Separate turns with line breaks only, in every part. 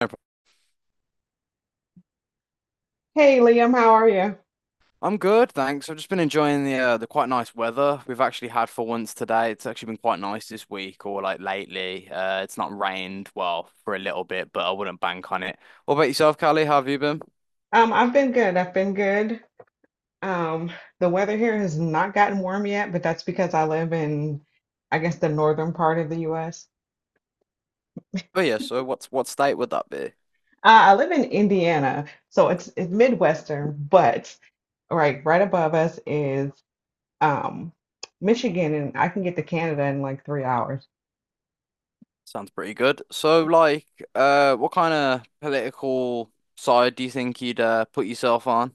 No prob-
Hey Liam, how are you?
I'm good, thanks. I've just been enjoying the quite nice weather we've actually had for once today. It's actually been quite nice this week or like lately. It's not rained well for a little bit, but I wouldn't bank on it. What about yourself, Callie? How have you been?
I've been good. Um, the weather here has not gotten warm yet, but that's because I live in, I guess, the northern part of the US.
Oh yeah, so what state would that be?
I live in Indiana, so it's Midwestern, but right above us is um Michigan, and I can get to Canada in like 3 hours.
Sounds pretty good. So like, what kind of political side do you think you'd put yourself on?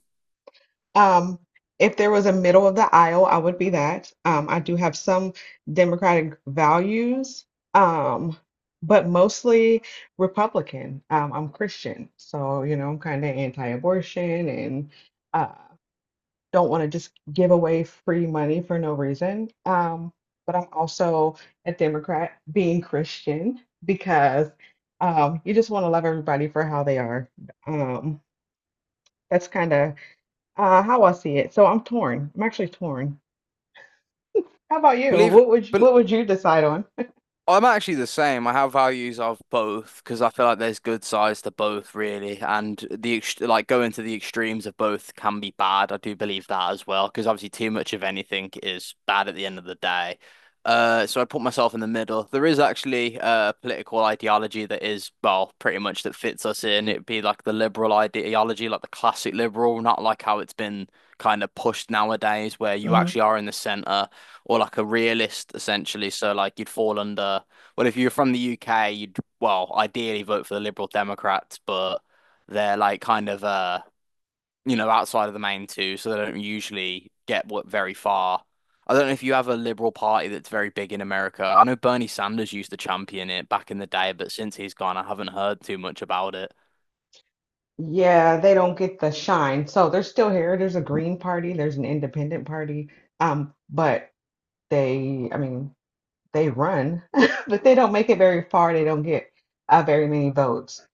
Um, if there was a middle of the aisle, I would be that. I do have some Democratic values, um, but mostly Republican. I'm Christian, so you know I'm kind of anti-abortion and uh, don't want to just give away free money for no reason. But I'm also a Democrat, being Christian, because you just want to love everybody for how they are. Um, that's kind of how I see it. So I'm torn. I'm actually torn. How about you?
Believe.
What would you decide on?
I'm actually the same. I have values of both because I feel like there's good sides to both, really, and the ex like going to the extremes of both can be bad. I do believe that as well because obviously too much of anything is bad at the end of the day. So I put myself in the middle. There is actually a political ideology that is, well, pretty much that fits us in. It'd be like the liberal ideology, like the classic liberal, not like how it's been kind of pushed nowadays, where you actually
hmm
are in the center or like a realist essentially. So like you'd fall under, well, if you're from the UK, you'd well ideally vote for the Liberal Democrats, but they're like kind of you know outside of the main two, so they don't usually get what very far. I don't know if you have a Liberal Party that's very big in America. I know Bernie Sanders used to champion it back in the day, but since he's gone, I haven't heard too much about it.
Yeah, they don't get the shine. So they're still here. There's a Green Party, there's an Independent Party. But they, I mean, they run, but they don't make it very far. They don't get very many votes.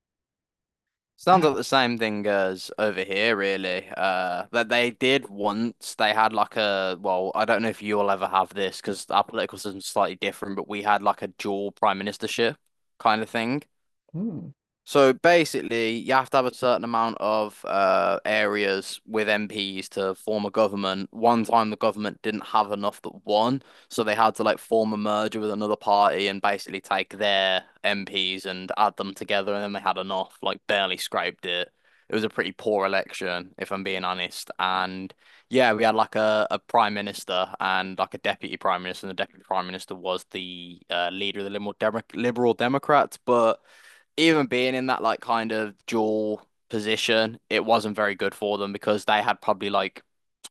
Sounds like the same thing as over here, really. That they did once. They had like well, I don't know if you'll ever have this because our political system's slightly different, but we had like a dual prime ministership kind of thing.
Mm,
So basically, you have to have a certain amount of areas with MPs to form a government. One time, the government didn't have enough that won, so they had to like form a merger with another party and basically take their MPs and add them together, and then they had enough, like barely scraped it. It was a pretty poor election, if I'm being honest. And yeah, we had like a prime minister and like a deputy prime minister, and the deputy prime minister was the leader of the Liberal Democrats, but even being in that like kind of dual position, it wasn't very good for them because they had probably like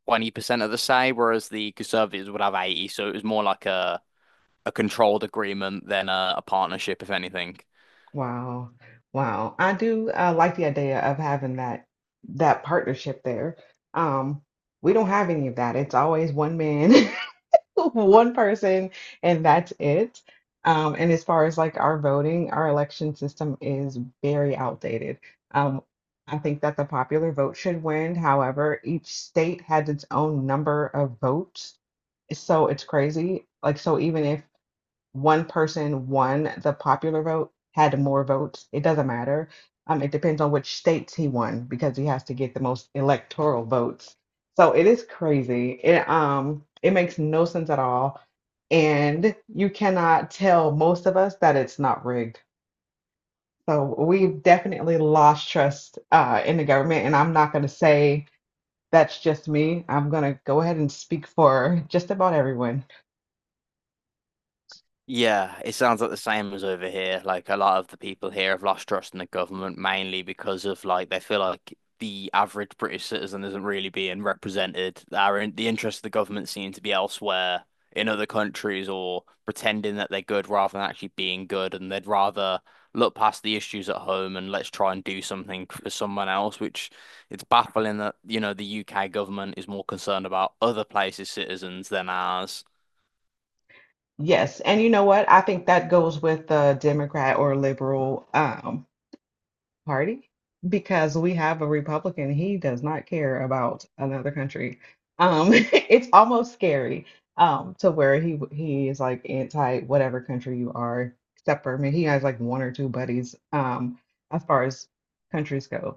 20% of the say, whereas the Conservatives would have 80. So it was more like a controlled agreement than a partnership, if anything.
wow. Wow. I do like the idea of having that partnership there. Um, we don't have any of that. It's always one man one person, and that's it. And as far as like our voting, our election system is very outdated. Um, I think that the popular vote should win. However, each state has its own number of votes, so it's crazy. Like, so even if one person won the popular vote, had more votes. It doesn't matter. It depends on which states he won because he has to get the most electoral votes. So it is crazy. It makes no sense at all. And you cannot tell most of us that it's not rigged. So we've definitely lost trust in the government. And I'm not going to say that's just me. I'm going to go ahead and speak for just about everyone.
Yeah, it sounds like the same as over here. Like a lot of the people here have lost trust in the government mainly because of like they feel like the average British citizen isn't really being represented. Our in the interests of the government seem to be elsewhere in other countries or pretending that they're good rather than actually being good, and they'd rather look past the issues at home and let's try and do something for someone else, which it's baffling that, you know, the UK government is more concerned about other places' citizens than ours.
Yes, and you know what? I think that goes with the Democrat or liberal party because we have a Republican. He does not care about another country. It's almost scary to where he is like anti whatever country you are, except for I mean, he has like one or two buddies as far as countries go.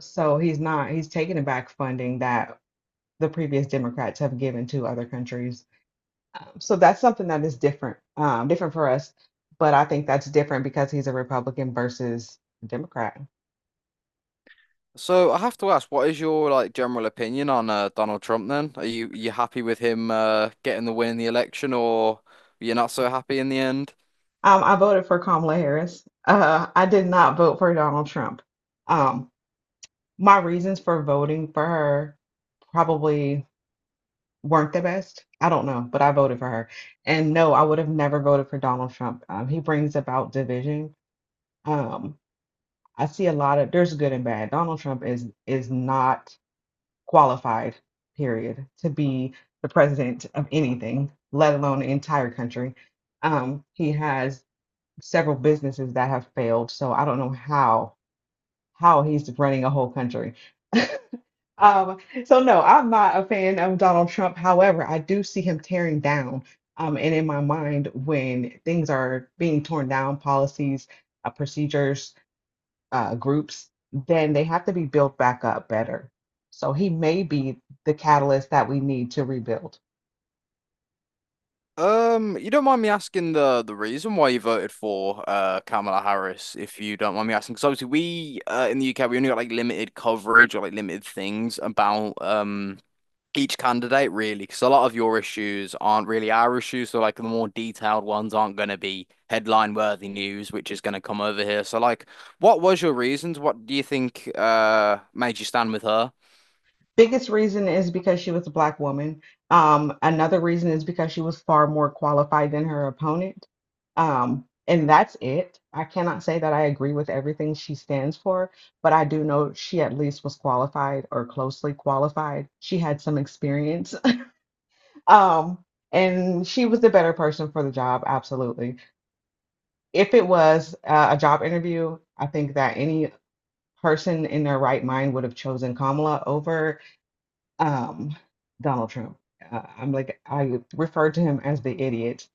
So he's not he's taking back funding that the previous Democrats have given to other countries, so that's something that is different, different for us. But I think that's different because he's a Republican versus a Democrat.
So I have to ask, what is your like general opinion on Donald Trump then? Are you happy with him getting the win in the election, or you're not so happy in the end?
I voted for Kamala Harris. I did not vote for Donald Trump. Um, my reasons for voting for her probably weren't the best. I don't know, but I voted for her. And no, I would have never voted for Donald Trump. He brings about division. Um, I see a lot of there's good and bad. Donald Trump is not qualified, period, to be the president of anything, let alone the entire country. He has several businesses that have failed, so I don't know how he's running a whole country. Um, so no, I'm not a fan of Donald Trump. However, I do see him tearing down. And in my mind, when things are being torn down, policies, procedures, groups, then they have to be built back up better. So he may be the catalyst that we need to rebuild.
You don't mind me asking the reason why you voted for Kamala Harris, if you don't mind me asking, because obviously we in the UK we only got like limited coverage or like limited things about each candidate really because a lot of your issues aren't really our issues so like the more detailed ones aren't going to be headline worthy news which is going to come over here so like what was your reasons what do you think made you stand with her.
Biggest reason is because she was a black woman. Another reason is because she was far more qualified than her opponent. And that's it. I cannot say that I agree with everything she stands for, but I do know she at least was qualified or closely qualified. She had some experience. Um, and she was the better person for the job, absolutely. If it was a job interview, I think that any person in their right mind would have chosen Kamala over um, Donald Trump. I'm like, I refer to him as the idiot,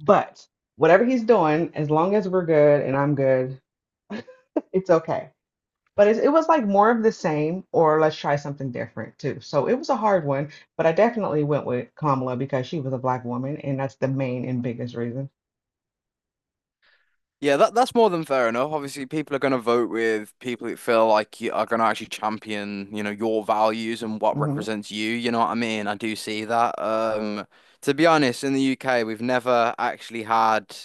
but whatever he's doing, as long as we're good and I'm good, it's okay. But it was like more of the same, or let's try something different too. So it was a hard one, but I definitely went with Kamala because she was a black woman, and that's the main and biggest reason.
Yeah, that that's more than fair enough. Obviously, people are going to vote with people that feel like you are going to actually champion, you know, your values and what
hmm
represents you. You know what I mean? I do see that. To be honest, in the UK, we've never actually had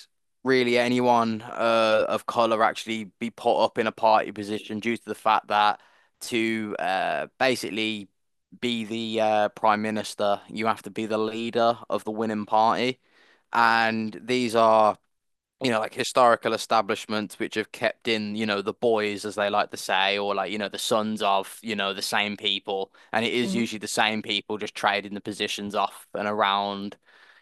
really anyone of color actually be put up in a party position due to the fact that to basically be the prime minister, you have to be the leader of the winning party, and these are you know, like historical establishments which have kept in, you know, the boys, as they like to say, or like, you know, the sons of, you know, the same people. And it is
hmm
usually the same people just trading the positions off and around,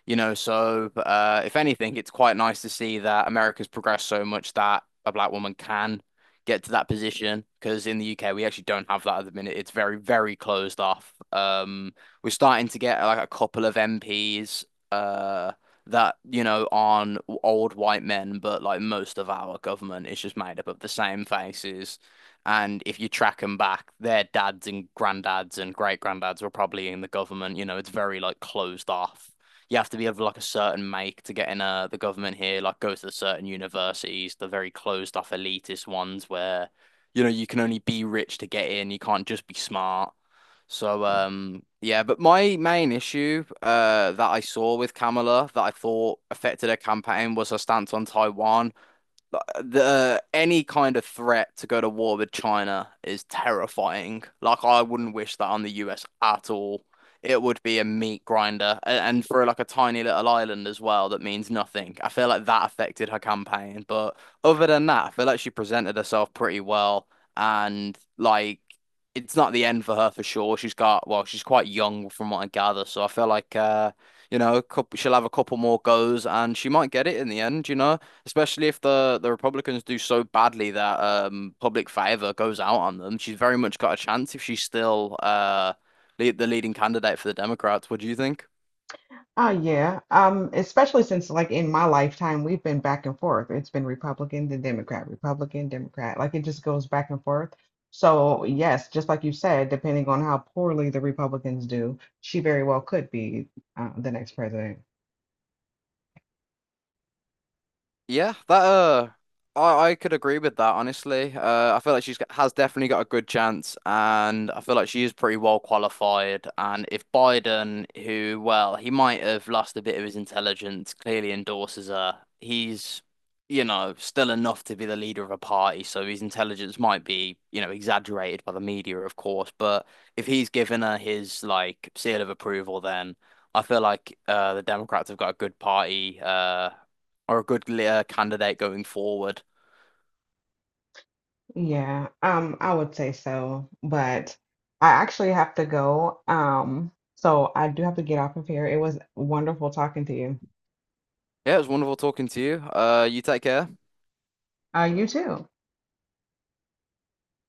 you know. So, if anything, it's quite nice to see that America's progressed so much that a black woman can get to that position. Because in the UK, we actually don't have that at the minute. It's very, very closed off. We're starting to get like a couple of MPs. Uh, that, you know, aren't old white men, but like most of our government is just made up of the same faces. And if you track them back, their dads and granddads and great granddads were probably in the government. You know, it's very like closed off. You have to be of like a certain make to get in the government here, like go to the certain universities, the very closed off elitist ones where, you know, you can only be rich to get in. You can't just be smart. So yeah, but my main issue that I saw with Kamala that I thought affected her campaign was her stance on Taiwan. The any kind of threat to go to war with China is terrifying. Like I wouldn't wish that on the US at all. It would be a meat grinder, A- and for like a tiny little island as well, that means nothing. I feel like that affected her campaign, but other than that, I feel like she presented herself pretty well, and like it's not the end for her for sure. She's got well, she's quite young from what I gather, so I feel like you know, she'll have a couple more goes, and she might get it in the end. You know especially if the Republicans do so badly that public favor goes out on them. She's very much got a chance if she's still the leading candidate for the Democrats. What do you think?
Oh yeah. Especially since like in my lifetime we've been back and forth. It's been Republican, then Democrat, Republican, Democrat. Like it just goes back and forth. So yes, just like you said, depending on how poorly the Republicans do, she very well could be the next president.
Yeah, that uh, I could agree with that honestly. I feel like has definitely got a good chance, and I feel like she is pretty well qualified. And if Biden, who well, he might have lost a bit of his intelligence, clearly endorses her, he's you know still enough to be the leader of a party, so his intelligence might be you know exaggerated by the media, of course. But if he's given her his like seal of approval, then. I feel like the Democrats have got a good party. Are a good candidate going forward.
Yeah, I would say so, but I actually have to go. So I do have to get off of here. It was wonderful talking to you.
Yeah, it was wonderful talking to you. You take care.
You too.